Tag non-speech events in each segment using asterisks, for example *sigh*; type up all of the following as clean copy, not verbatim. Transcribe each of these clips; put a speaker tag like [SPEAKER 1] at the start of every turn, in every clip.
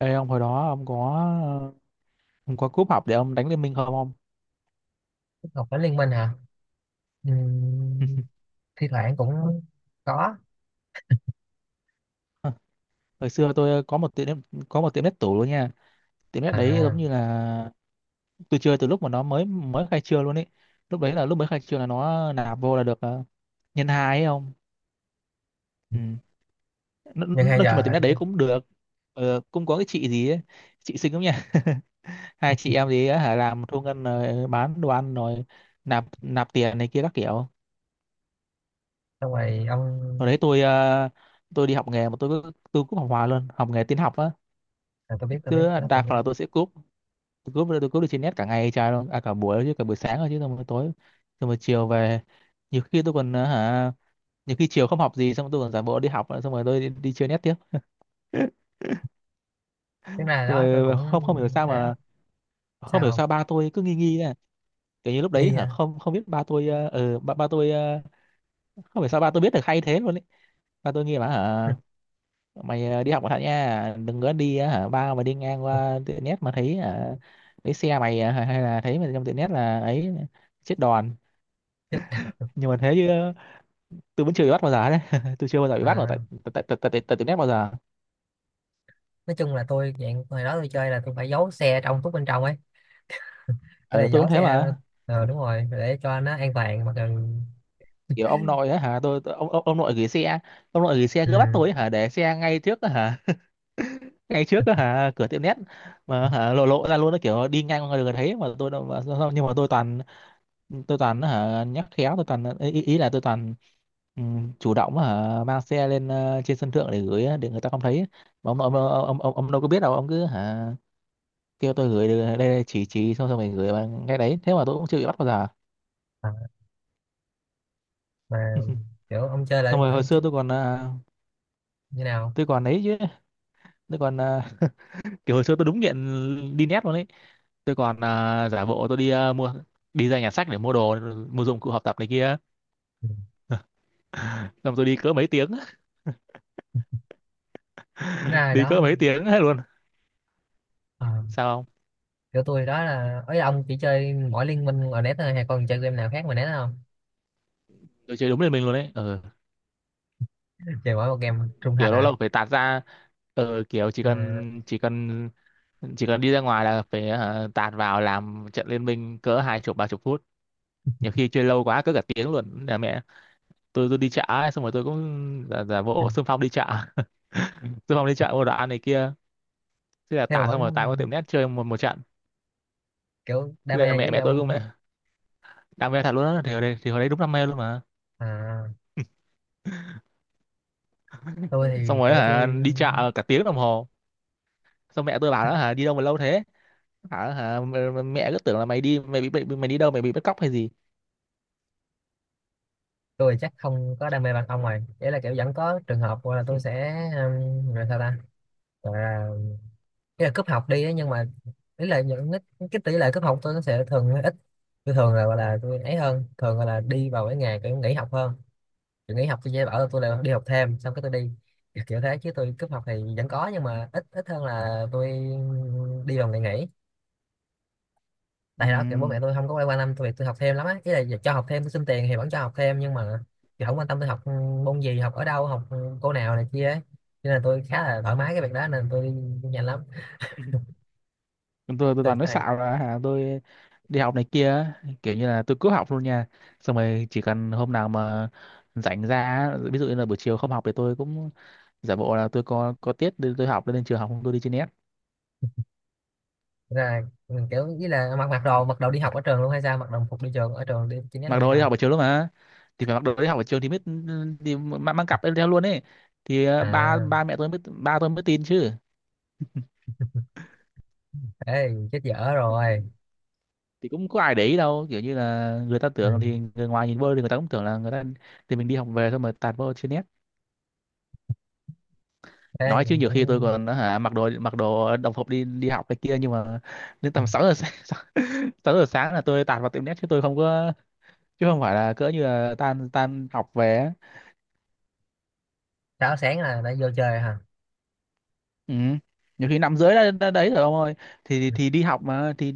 [SPEAKER 1] Ê ông hồi đó ông có cúp học để ông đánh Liên Minh không ông?
[SPEAKER 2] Học Cảnh Liên Minh hả? Ừm, Thi thoảng cũng có.
[SPEAKER 1] *laughs* Hồi xưa tôi có một có một tiệm net tủ luôn nha. Tiệm net đấy giống
[SPEAKER 2] À,
[SPEAKER 1] như là tôi chơi từ lúc mà nó mới mới khai trương luôn ấy. Lúc đấy là lúc mới khai trương là nó nạp vô là được nhân hai ấy ông. Ừ.
[SPEAKER 2] nhưng hay
[SPEAKER 1] Nói chung là
[SPEAKER 2] giờ
[SPEAKER 1] tiệm net đấy cũng được. Ờ, cũng có cái chị gì ấy, chị xinh lắm nha. *laughs* Hai chị em gì ấy, hả làm thu ngân rồi bán đồ ăn rồi nạp nạp tiền này kia các kiểu.
[SPEAKER 2] xong rồi ông
[SPEAKER 1] Hồi đấy tôi tôi đi học nghề mà tôi cứ cúp học hoài luôn, học nghề tin học á,
[SPEAKER 2] à, tôi biết
[SPEAKER 1] cứ
[SPEAKER 2] cái đó tôi
[SPEAKER 1] đa
[SPEAKER 2] biết
[SPEAKER 1] phần là tôi sẽ cúp, tôi cúp được trên net cả ngày trời luôn à, cả buổi chứ, cả buổi sáng rồi chứ, xong rồi tối, xong rồi chiều về nhiều khi tôi còn ờ, hả nhiều khi chiều không học gì xong rồi tôi còn giả bộ đi học xong rồi tôi đi chơi net tiếp. *laughs*
[SPEAKER 2] tiếng này
[SPEAKER 1] Xong
[SPEAKER 2] đó tôi
[SPEAKER 1] rồi
[SPEAKER 2] cũng
[SPEAKER 1] không không hiểu sao
[SPEAKER 2] thế.
[SPEAKER 1] mà
[SPEAKER 2] Sao
[SPEAKER 1] không hiểu
[SPEAKER 2] không?
[SPEAKER 1] sao ba tôi cứ nghi nghi nè, kiểu như lúc đấy
[SPEAKER 2] Nghi
[SPEAKER 1] hả
[SPEAKER 2] à?
[SPEAKER 1] không không biết ba tôi ba tôi không hiểu sao ba tôi biết được hay thế luôn ấy. Ba tôi nghi mà hả mày đi học cẩn thận nha, đừng có đi ờ, hả ba mà đi ngang qua tiệm nét mà thấy thấy xe mày hay hay là thấy mày trong tiệm nét là ấy chết đòn.
[SPEAKER 2] *laughs*
[SPEAKER 1] Nhưng mà thế chứ tôi vẫn chưa bị bắt bao giờ đấy. *laughs* Tôi chưa bao giờ bị bắt ở tại
[SPEAKER 2] À,
[SPEAKER 1] tại tại tại tại, tại tiệm nét bao giờ.
[SPEAKER 2] nói chung là tôi dạng hồi đó tôi chơi là tôi phải giấu xe trong túc bên trong ấy, để là
[SPEAKER 1] Ừ, tôi cũng
[SPEAKER 2] giấu
[SPEAKER 1] thế
[SPEAKER 2] xe.
[SPEAKER 1] mà.
[SPEAKER 2] Đúng rồi, để cho nó an toàn mà cần.
[SPEAKER 1] Kiểu ông nội ấy hả tôi ông nội gửi xe, ông nội gửi xe
[SPEAKER 2] Ừ.
[SPEAKER 1] cứ bắt tôi ấy hả để xe ngay trước ấy hả, ngay trước ấy hả cửa tiệm nét mà hả lộ lộ ra luôn, nó kiểu đi ngang qua người thấy mà tôi đâu mà, nhưng mà tôi toàn, tôi toàn á hả nhắc khéo, tôi toàn ý, ý ý là tôi toàn ừ, chủ động á hả mang xe lên trên sân thượng để gửi á, để người ta không thấy. Mà ông đâu có biết đâu, ông cứ hả kêu tôi gửi đây chỉ xong xong mình gửi vào ngay đấy, thế mà tôi cũng chưa bị bắt bao giờ.
[SPEAKER 2] À, mà kiểu ông chơi là
[SPEAKER 1] Xong rồi hồi
[SPEAKER 2] ông chứ,
[SPEAKER 1] xưa tôi còn
[SPEAKER 2] như nào?
[SPEAKER 1] tôi còn ấy chứ, tôi còn *laughs* kiểu hồi xưa tôi đúng nghiện đi nét luôn ấy. Tôi còn giả bộ tôi đi à, mua đi ra nhà sách để mua đồ, mua dụng cụ học tập này kia.
[SPEAKER 2] Ừ,
[SPEAKER 1] Xong tôi đi cỡ mấy tiếng.
[SPEAKER 2] ra
[SPEAKER 1] *laughs*
[SPEAKER 2] rồi
[SPEAKER 1] Đi
[SPEAKER 2] đó.
[SPEAKER 1] cỡ mấy tiếng hết luôn.
[SPEAKER 2] Ờ,
[SPEAKER 1] Sao không?
[SPEAKER 2] kiểu tôi đó là ấy, ông chỉ chơi mỗi liên minh ở net thôi hay còn chơi game nào khác mà net không?
[SPEAKER 1] Tôi chơi đúng lên mình luôn đấy. Ừ.
[SPEAKER 2] Chơi mỗi một game trung thành
[SPEAKER 1] Kiểu lâu
[SPEAKER 2] hả?
[SPEAKER 1] lâu phải tạt ra kiểu
[SPEAKER 2] À,
[SPEAKER 1] chỉ cần đi ra ngoài là phải hả, tạt vào làm trận liên minh cỡ hai chục ba chục phút, nhiều khi chơi lâu quá cỡ cả tiếng luôn là mẹ. Tôi đi chợ ấy, xong rồi tôi cũng giả
[SPEAKER 2] ừ.
[SPEAKER 1] bộ xung *laughs* phong đi chợ *laughs* xung phong đi chợ mua đồ ăn này kia, thế là
[SPEAKER 2] Thế mà
[SPEAKER 1] tạt,
[SPEAKER 2] vẫn
[SPEAKER 1] xong rồi tạt qua tiệm net chơi một một trận.
[SPEAKER 2] kiểu đam
[SPEAKER 1] Thế là
[SPEAKER 2] mê dữ
[SPEAKER 1] mẹ
[SPEAKER 2] vậy
[SPEAKER 1] mẹ tôi cũng
[SPEAKER 2] ông.
[SPEAKER 1] mẹ, đam mê thật luôn á. Thì hồi đấy, thì hồi đấy đúng đam mê luôn mà.
[SPEAKER 2] À, tôi thì
[SPEAKER 1] Xong rồi
[SPEAKER 2] kiểu
[SPEAKER 1] hả,
[SPEAKER 2] tôi
[SPEAKER 1] đi chợ cả tiếng đồng hồ. Xong mẹ tôi bảo nó hả đi đâu mà lâu thế, hả hả mẹ cứ tưởng là mày đi mày bị mày đi đâu mày bị bắt cóc hay gì.
[SPEAKER 2] tôi chắc không có đam mê bằng ông rồi, đấy là kiểu vẫn có trường hợp gọi là tôi sẽ gọi sao ta, gọi là, ý là cúp học đi ấy, nhưng mà ý là những cái tỷ lệ cúp học tôi nó sẽ thường hơi ít. Tôi thường là gọi là tôi ấy hơn, thường gọi là đi vào cái ngày kiểu nghỉ học hơn. Tôi nghỉ học tôi về ở tôi lại đi học thêm xong cái tôi đi, kiểu kiểu thế chứ tôi cúp học thì vẫn có nhưng mà ít ít hơn là tôi đi vào ngày nghỉ.
[SPEAKER 1] Ừ.
[SPEAKER 2] Tại đó kiểu bố mẹ tôi không có quan tâm tôi việc tôi học thêm lắm á, ý là cho học thêm tôi xin tiền thì vẫn cho học thêm nhưng mà kiểu không quan tâm tôi học môn gì, học ở đâu, học cô nào này kia ấy, cho nên là tôi khá là thoải mái cái việc đó nên tôi đi nhanh lắm.
[SPEAKER 1] Ừ. Tôi
[SPEAKER 2] Tôi
[SPEAKER 1] toàn nói
[SPEAKER 2] toàn
[SPEAKER 1] xạo là hả tôi đi học này kia á, kiểu như là tôi cứ học luôn nha, xong rồi chỉ cần hôm nào mà rảnh ra á, ví dụ như là buổi chiều không học thì tôi cũng giả bộ là tôi có tiết nên tôi học nên trường học, không tôi đi trên net.
[SPEAKER 2] là kiểu ý là mặc mặc đồ đi học ở trường luôn hay sao, mặc đồng phục đi trường ở trường đi chính nhất luôn
[SPEAKER 1] Mặc
[SPEAKER 2] hay
[SPEAKER 1] đồ đi
[SPEAKER 2] sao?
[SPEAKER 1] học buổi chiều luôn mà, thì phải mặc đồ đi học buổi chiều thì mới, thì mang cặp lên theo luôn ấy, thì ba ba
[SPEAKER 2] À
[SPEAKER 1] mẹ tôi mới, ba tôi mới tin chứ.
[SPEAKER 2] thế chết dở rồi.
[SPEAKER 1] Thì cũng có ai để ý đâu, kiểu như là người ta
[SPEAKER 2] Ừ,
[SPEAKER 1] tưởng, thì người ngoài nhìn vô thì người ta cũng tưởng là người ta, thì mình đi học về thôi mà tạt vô trên net.
[SPEAKER 2] thế
[SPEAKER 1] Nói chứ nhiều khi tôi
[SPEAKER 2] cũng.
[SPEAKER 1] còn hả, mặc đồ đồng phục đi đi học này kia nhưng mà đến
[SPEAKER 2] Ừ.
[SPEAKER 1] tầm 6 giờ sáng, *laughs* 6 giờ sáng là tôi tạt vào tiệm net chứ tôi không có, chứ không phải là cỡ như là tan tan học về á.
[SPEAKER 2] Sáu sáng là đã vô chơi hả?
[SPEAKER 1] Ừ. Nhiều khi năm rưỡi đã đấy rồi ông ơi. thì thì
[SPEAKER 2] Ừ,
[SPEAKER 1] thì đi học mà, thì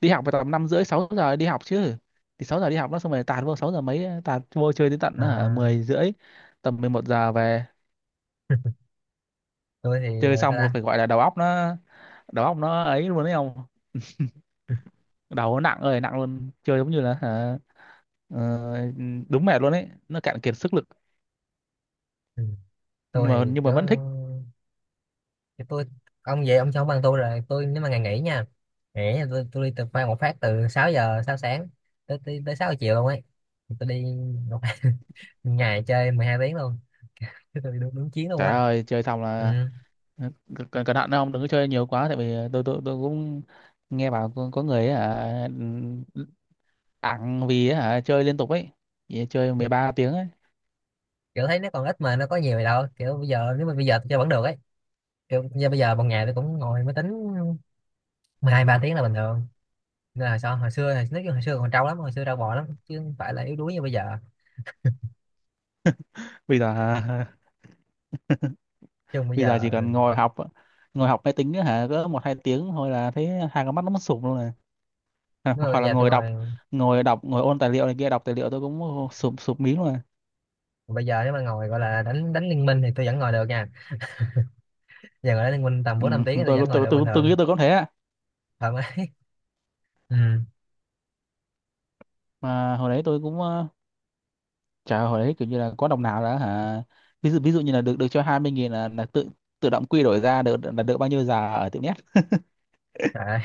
[SPEAKER 1] đi học vào tầm năm rưỡi 6 giờ đi học chứ, thì 6 giờ đi học nó, xong rồi tạt vô 6 giờ mấy, tạt vô chơi đến tận hả,
[SPEAKER 2] à.
[SPEAKER 1] 10 rưỡi, tầm 11 giờ về.
[SPEAKER 2] *laughs* Tôi thì
[SPEAKER 1] Chơi
[SPEAKER 2] sao
[SPEAKER 1] xong rồi
[SPEAKER 2] ta.
[SPEAKER 1] phải gọi là đầu óc nó, đầu óc nó ấy luôn đấy không,
[SPEAKER 2] Ừ,
[SPEAKER 1] đầu nó nặng ơi nặng luôn, chơi giống như là hả, Ờ, đúng mẹ luôn ấy, nó cạn kiệt sức lực.
[SPEAKER 2] ừ.
[SPEAKER 1] nhưng
[SPEAKER 2] Tôi
[SPEAKER 1] mà
[SPEAKER 2] thì
[SPEAKER 1] nhưng mà
[SPEAKER 2] kiểu
[SPEAKER 1] vẫn thích.
[SPEAKER 2] kiểu tôi, ông về ông cho ông bằng tôi rồi. Tôi nếu mà ngày nghỉ nha, nghỉ thì tôi đi từ khoan một phát từ 6 giờ 6 sáng tới tới, tới 6 giờ chiều luôn ấy. Tôi đi một *laughs* ngày chơi 12 tiếng luôn. *laughs* Cái tôi đi đúng, đúng chiến luôn
[SPEAKER 1] Trời
[SPEAKER 2] á.
[SPEAKER 1] ơi chơi xong
[SPEAKER 2] Ừ,
[SPEAKER 1] là cẩn cẩn thận đấy, không đừng có chơi nhiều quá, tại vì tôi cũng nghe bảo có người ấy, hả ẳng vì ấy, hả chơi liên tục ấy, vì chơi 13 tiếng ấy.
[SPEAKER 2] kiểu thấy nó còn ít mà nó có nhiều gì đâu, kiểu bây giờ nếu mà bây giờ tôi chơi vẫn được ấy. Kiểu như bây giờ một ngày tôi cũng ngồi máy tính 12 ba tiếng là bình thường, nên là sao hồi xưa nói chung hồi xưa còn trâu lắm, hồi xưa trâu bò lắm chứ không phải là yếu đuối như bây giờ.
[SPEAKER 1] Bây giờ hả, *laughs*
[SPEAKER 2] Chứ bây
[SPEAKER 1] bây giờ
[SPEAKER 2] giờ
[SPEAKER 1] chỉ cần ngồi học, ngồi học máy tính ấy, hả cỡ một hai tiếng thôi là thấy hai con mắt nó mất sụp luôn rồi. *laughs* Hoặc
[SPEAKER 2] nếu mà
[SPEAKER 1] hoặc
[SPEAKER 2] bây
[SPEAKER 1] là
[SPEAKER 2] giờ tôi
[SPEAKER 1] ngồi đọc,
[SPEAKER 2] ngồi,
[SPEAKER 1] ngồi đọc, ngồi ôn tài liệu này kia, đọc tài liệu tôi cũng sụp sụp mí luôn rồi.
[SPEAKER 2] bây giờ nếu mà ngồi gọi là đánh đánh liên minh thì tôi vẫn ngồi được nha. Giờ ngồi đánh liên minh tầm
[SPEAKER 1] Ừ,
[SPEAKER 2] 4 5 tiếng thì tôi
[SPEAKER 1] tôi,
[SPEAKER 2] vẫn ngồi
[SPEAKER 1] tôi
[SPEAKER 2] được bình
[SPEAKER 1] tôi tôi
[SPEAKER 2] thường.
[SPEAKER 1] nghĩ tôi cũng thế.
[SPEAKER 2] Thật á. *laughs* Ừ.
[SPEAKER 1] Mà hồi đấy tôi cũng chả hồi đấy kiểu như là có đồng nào đã hả, ví dụ như là được được cho 20 nghìn là tự, tự động quy đổi ra được là được bao nhiêu giờ ở tiệm net.
[SPEAKER 2] Trời ơi.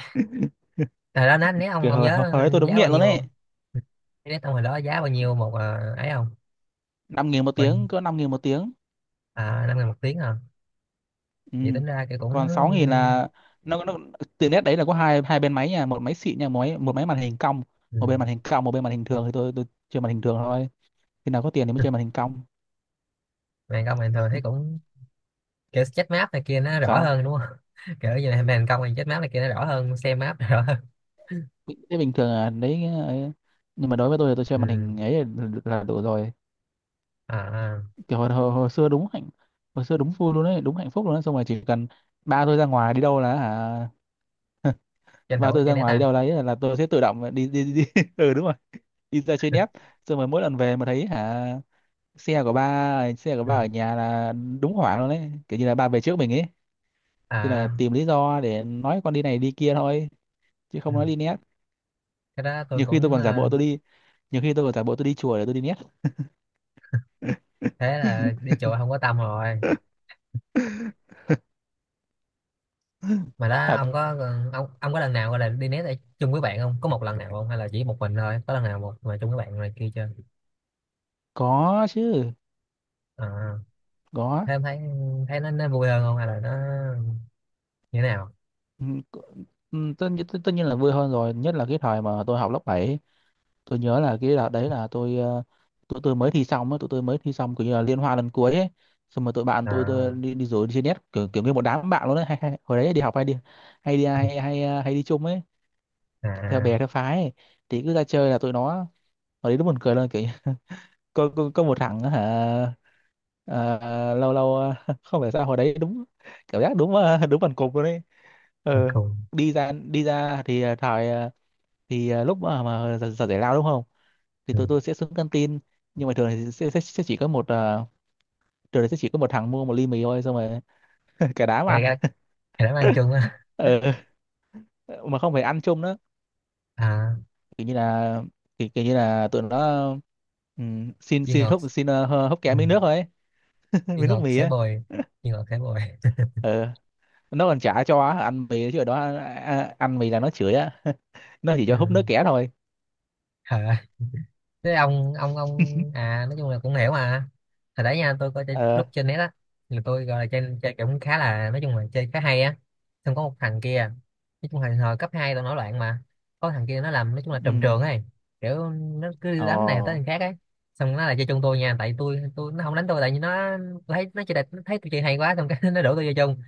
[SPEAKER 2] Đó nát nét, ông
[SPEAKER 1] Kiểu
[SPEAKER 2] ông
[SPEAKER 1] hồi, hồi
[SPEAKER 2] nhớ
[SPEAKER 1] hồi đấy tôi đúng
[SPEAKER 2] giá bao
[SPEAKER 1] nghiện luôn
[SPEAKER 2] nhiêu
[SPEAKER 1] đấy.
[SPEAKER 2] không? Nét ông hồi đó giá bao nhiêu một à, ấy không?
[SPEAKER 1] Năm nghìn một
[SPEAKER 2] Bao nhiêu?
[SPEAKER 1] tiếng, cỡ 5 nghìn một tiếng.
[SPEAKER 2] À 5 ngàn một tiếng à?
[SPEAKER 1] Ừ.
[SPEAKER 2] Vậy tính ra cái cũng.
[SPEAKER 1] Còn 6 nghìn là nó, tiệm net đấy là có hai hai bên máy nha, một máy xịn nha, một máy màn hình cong,
[SPEAKER 2] Ừ.
[SPEAKER 1] một bên màn hình cong một bên màn hình thường, thì tôi chơi màn hình thường thôi, khi nào có tiền thì mới chơi màn
[SPEAKER 2] *laughs*
[SPEAKER 1] hình cong.
[SPEAKER 2] Màn công bình thường thấy cũng, kiểu chết map này kia nó rõ
[SPEAKER 1] Sao
[SPEAKER 2] hơn đúng không? *laughs* Kiểu như là màn công màn chết map này kia nó rõ hơn, xem map rõ hơn.
[SPEAKER 1] thế? Bình thường là đấy ấy. Nhưng mà đối với tôi thì tôi chơi màn
[SPEAKER 2] Ừ.
[SPEAKER 1] hình ấy là đủ rồi.
[SPEAKER 2] À à.
[SPEAKER 1] Kiểu hồi xưa đúng hạnh, hồi xưa đúng vui luôn đấy, đúng hạnh phúc luôn đấy. Xong rồi chỉ cần ba tôi ra ngoài đi đâu là hả,
[SPEAKER 2] Tranh
[SPEAKER 1] ba
[SPEAKER 2] thủ
[SPEAKER 1] tôi ra
[SPEAKER 2] trên nét
[SPEAKER 1] ngoài đi
[SPEAKER 2] ha.
[SPEAKER 1] đâu đấy là tôi sẽ tự động đi đi đi, *laughs* ừ đúng rồi, đi ra chơi nép, xong rồi mỗi lần về mà thấy hả xe của
[SPEAKER 2] Ừ.
[SPEAKER 1] ba ở nhà là đúng hoảng luôn đấy, kiểu như là ba về trước mình ấy. Thế là
[SPEAKER 2] À
[SPEAKER 1] tìm lý do để nói con đi này đi kia thôi, chứ
[SPEAKER 2] ừ.
[SPEAKER 1] không nói đi nét.
[SPEAKER 2] Cái đó tôi
[SPEAKER 1] nhiều khi tôi
[SPEAKER 2] cũng
[SPEAKER 1] còn giả
[SPEAKER 2] à,
[SPEAKER 1] bộ tôi đi Nhiều khi tôi còn giả bộ tôi đi chùa để tôi đi nét.
[SPEAKER 2] thế là đi chùa không có tâm rồi. Mà đó
[SPEAKER 1] Thật,
[SPEAKER 2] ông có lần nào gọi là đi nét ở chung với bạn không, có một lần nào không, hay là chỉ một mình thôi, có lần nào một mà chung với bạn này kia chưa?
[SPEAKER 1] có chứ,
[SPEAKER 2] À
[SPEAKER 1] có.
[SPEAKER 2] thế em thấy, thấy nó vui hơn không hay là nó như thế nào?
[SPEAKER 1] Ừ, c- tất nhiên là vui hơn rồi, nhất là cái thời mà tôi học lớp bảy. Tôi nhớ là cái đợt đấy là tôi tụi tôi mới thi xong ấy, tụi tôi mới thi xong kiểu như là liên hoan lần cuối ấy. Xong rồi tụi bạn tôi
[SPEAKER 2] À
[SPEAKER 1] đi đi rủ đi chơi net kiểu, kiểu như một đám bạn luôn đấy, hay, hay, hồi đấy đi học hay đi hay đi
[SPEAKER 2] ừ.
[SPEAKER 1] hay hay, ờ, hay đi chung ấy, theo
[SPEAKER 2] À
[SPEAKER 1] bè theo phái ấy. Thì cứ ra chơi là tụi nó, hồi đấy nó buồn cười luôn kiểu như- *laughs* có một thằng á hả ờ, lâu lâu *laughs* không phải sao hồi đấy đúng cảm giác đúng đúng bằng cục luôn đấy,
[SPEAKER 2] mình
[SPEAKER 1] ờ
[SPEAKER 2] cùng.
[SPEAKER 1] đi ra, đi ra thì ờ, thải ờ, thì ờ, lúc mà giờ giải lao đúng không, thì
[SPEAKER 2] Ừ.
[SPEAKER 1] tụi tôi sẽ xuống căng tin, nhưng mà thường thì sẽ chỉ có một thường thì sẽ chỉ có một thằng mua một ly mì thôi, xong rồi *laughs* cả đám
[SPEAKER 2] cái
[SPEAKER 1] ăn.
[SPEAKER 2] cái cái đó ăn chung á.
[SPEAKER 1] Ờ mà không phải ăn chung nữa,
[SPEAKER 2] À
[SPEAKER 1] kiểu như là kiểu như là tụi nó xin
[SPEAKER 2] duy
[SPEAKER 1] xin
[SPEAKER 2] ngọt.
[SPEAKER 1] húp xin ờ, hơ- húp
[SPEAKER 2] Ừ.
[SPEAKER 1] kém miếng nước thôi ấy. *laughs*
[SPEAKER 2] Duy
[SPEAKER 1] Miếng nước
[SPEAKER 2] ngọt
[SPEAKER 1] mì
[SPEAKER 2] sẽ
[SPEAKER 1] á.
[SPEAKER 2] bồi, duy ngọt sẽ bồi. *laughs*
[SPEAKER 1] Ờ, nó còn trả cho á, ăn mì chứ ở đó ăn, ăn ăn mì là nó chửi á. *laughs* Nó chỉ
[SPEAKER 2] Ừ.
[SPEAKER 1] cho húp nước kẻ thôi.
[SPEAKER 2] À thế ông à nói chung là cũng hiểu mà. Hồi đấy nha tôi coi chơi,
[SPEAKER 1] Ờ.
[SPEAKER 2] lúc trên net á, thì tôi gọi là chơi, chơi cũng khá, là nói chung là chơi khá hay á, xong có một thằng kia, nói chung là hồi cấp 2 tao nổi loạn mà, có thằng kia nó làm nói chung là
[SPEAKER 1] Ừ.
[SPEAKER 2] trùm trường ấy, kiểu nó cứ đám này tới
[SPEAKER 1] Ồ.
[SPEAKER 2] thằng khác ấy, xong nó lại chơi chung tôi nha, tại tôi nó không đánh tôi tại vì nó, tôi thấy nó chơi đẹp, nó thấy tôi chơi hay quá xong cái *laughs* nó đổ tôi vô chung,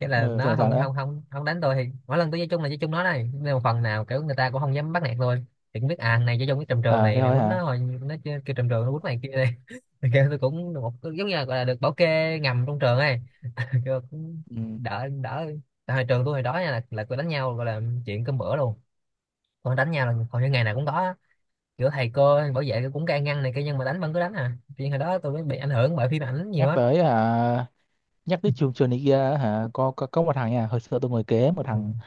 [SPEAKER 2] cái là
[SPEAKER 1] Ờ
[SPEAKER 2] nó
[SPEAKER 1] rồi sao
[SPEAKER 2] không
[SPEAKER 1] nữa?
[SPEAKER 2] không không không đánh tôi thì mỗi lần tôi chơi chung là chơi chung nó này, nên một phần nào kiểu người ta cũng không dám bắt nạt tôi, thì cũng biết à thằng này chơi chung cái trầm trường
[SPEAKER 1] Ờ thế
[SPEAKER 2] này, mày
[SPEAKER 1] thôi
[SPEAKER 2] quýnh
[SPEAKER 1] hả?
[SPEAKER 2] nó hồi nó chơi kêu trầm trường nó quýnh mày kia đây, *laughs* thì kêu tôi cũng được một giống như là, gọi là được bảo kê ngầm trong trường ấy. *laughs* Kêu cũng
[SPEAKER 1] Ừ.
[SPEAKER 2] đỡ đỡ. Tại hồi trường tôi hồi đó nha là tôi đánh nhau gọi là chuyện cơm bữa luôn, còn đánh nhau là hầu như ngày nào cũng có á. Kiểu thầy cô bảo vệ cũng can ngăn này kia nhưng mà đánh vẫn cứ đánh, à chuyện hồi đó tôi mới bị ảnh hưởng bởi phim ảnh nhiều
[SPEAKER 1] Nhắc
[SPEAKER 2] á.
[SPEAKER 1] tới hả? Nhắc tới trường trường này kia hả? Có một thằng nha, hồi xưa tôi ngồi kế một thằng,
[SPEAKER 2] Ừ,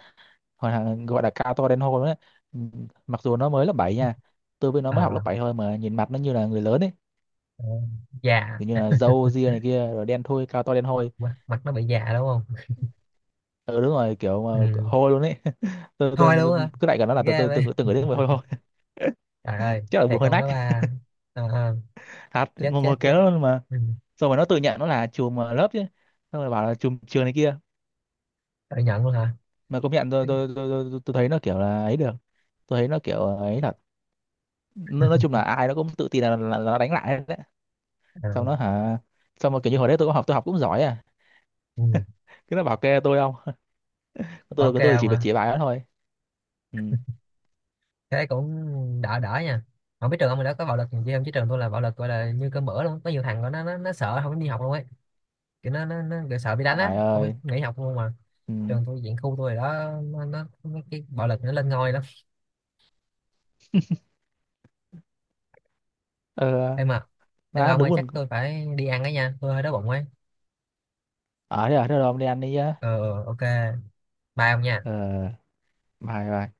[SPEAKER 1] hồi thằng gọi là cao to đen hôi đấy. Ừ, mặc dù nó mới lớp 7 nha, tôi với nó mới học lớp
[SPEAKER 2] à,
[SPEAKER 1] 7 thôi mà nhìn mặt nó như là người lớn ấy,
[SPEAKER 2] già.
[SPEAKER 1] kiểu như là râu ria này kia rồi đen thui, cao to đen hôi.
[SPEAKER 2] Mặt nó bị già đúng không?
[SPEAKER 1] Ừ đúng rồi, kiểu mà
[SPEAKER 2] Ừ.
[SPEAKER 1] hôi luôn ấy. *laughs*
[SPEAKER 2] Thôi
[SPEAKER 1] Tôi
[SPEAKER 2] luôn hả?
[SPEAKER 1] cứ đại cả nó là
[SPEAKER 2] Ghê vậy.
[SPEAKER 1] tôi từng người thấy mùi hôi hôi. *laughs*
[SPEAKER 2] Trời ơi
[SPEAKER 1] Chắc là mùi
[SPEAKER 2] thầy
[SPEAKER 1] hơi
[SPEAKER 2] câu
[SPEAKER 1] nách.
[SPEAKER 2] nó ba. Ờ, ờ.
[SPEAKER 1] Thật,
[SPEAKER 2] Chết
[SPEAKER 1] ngồi
[SPEAKER 2] chết
[SPEAKER 1] ngồi kế
[SPEAKER 2] chết.
[SPEAKER 1] nó luôn mà.
[SPEAKER 2] Ừ.
[SPEAKER 1] Xong rồi nó tự nhận nó là chùm lớp chứ. Xong rồi bảo là chùm trường này kia.
[SPEAKER 2] Tự nhận luôn hả?
[SPEAKER 1] Mà công nhận tôi thấy nó kiểu là ấy được, tôi thấy nó kiểu ấy thật. Nói chung là ai nó cũng tự tin là nó đánh lại hết đấy.
[SPEAKER 2] Ờ,
[SPEAKER 1] Xong nó hả, xong mà kiểu như hồi đấy tôi học cũng giỏi à,
[SPEAKER 2] ừ.
[SPEAKER 1] cứ nó bảo kê tôi không. *laughs*
[SPEAKER 2] Bảo
[SPEAKER 1] tôi
[SPEAKER 2] kê
[SPEAKER 1] tôi
[SPEAKER 2] ông
[SPEAKER 1] chỉ việc
[SPEAKER 2] hả?
[SPEAKER 1] chỉ bài đó thôi. Ừ.
[SPEAKER 2] Thế cũng đỡ đỡ nha. Không biết trường ông hồi đó có bạo lực gì không chứ trường tôi là bạo lực gọi là như cơm bữa luôn, có nhiều thằng của nó sợ không dám đi học luôn ấy, kiểu nó kiểu sợ bị đánh á
[SPEAKER 1] Trời
[SPEAKER 2] không dám
[SPEAKER 1] ơi.
[SPEAKER 2] nghỉ học luôn mà.
[SPEAKER 1] Ừ.
[SPEAKER 2] Trường tôi diện khu tôi rồi đó, nó mấy cái bạo lực nó lên ngôi lắm.
[SPEAKER 1] Ờ
[SPEAKER 2] Em à, em à,
[SPEAKER 1] má
[SPEAKER 2] ông
[SPEAKER 1] đúng
[SPEAKER 2] ơi chắc
[SPEAKER 1] buồn,
[SPEAKER 2] tôi phải đi ăn ấy nha tôi hơi đói bụng ấy.
[SPEAKER 1] ở đây, ở đây rồi đi ăn đi nhá.
[SPEAKER 2] Ờ ờ, ok. Bye ông nha.
[SPEAKER 1] Ờ, bye bye.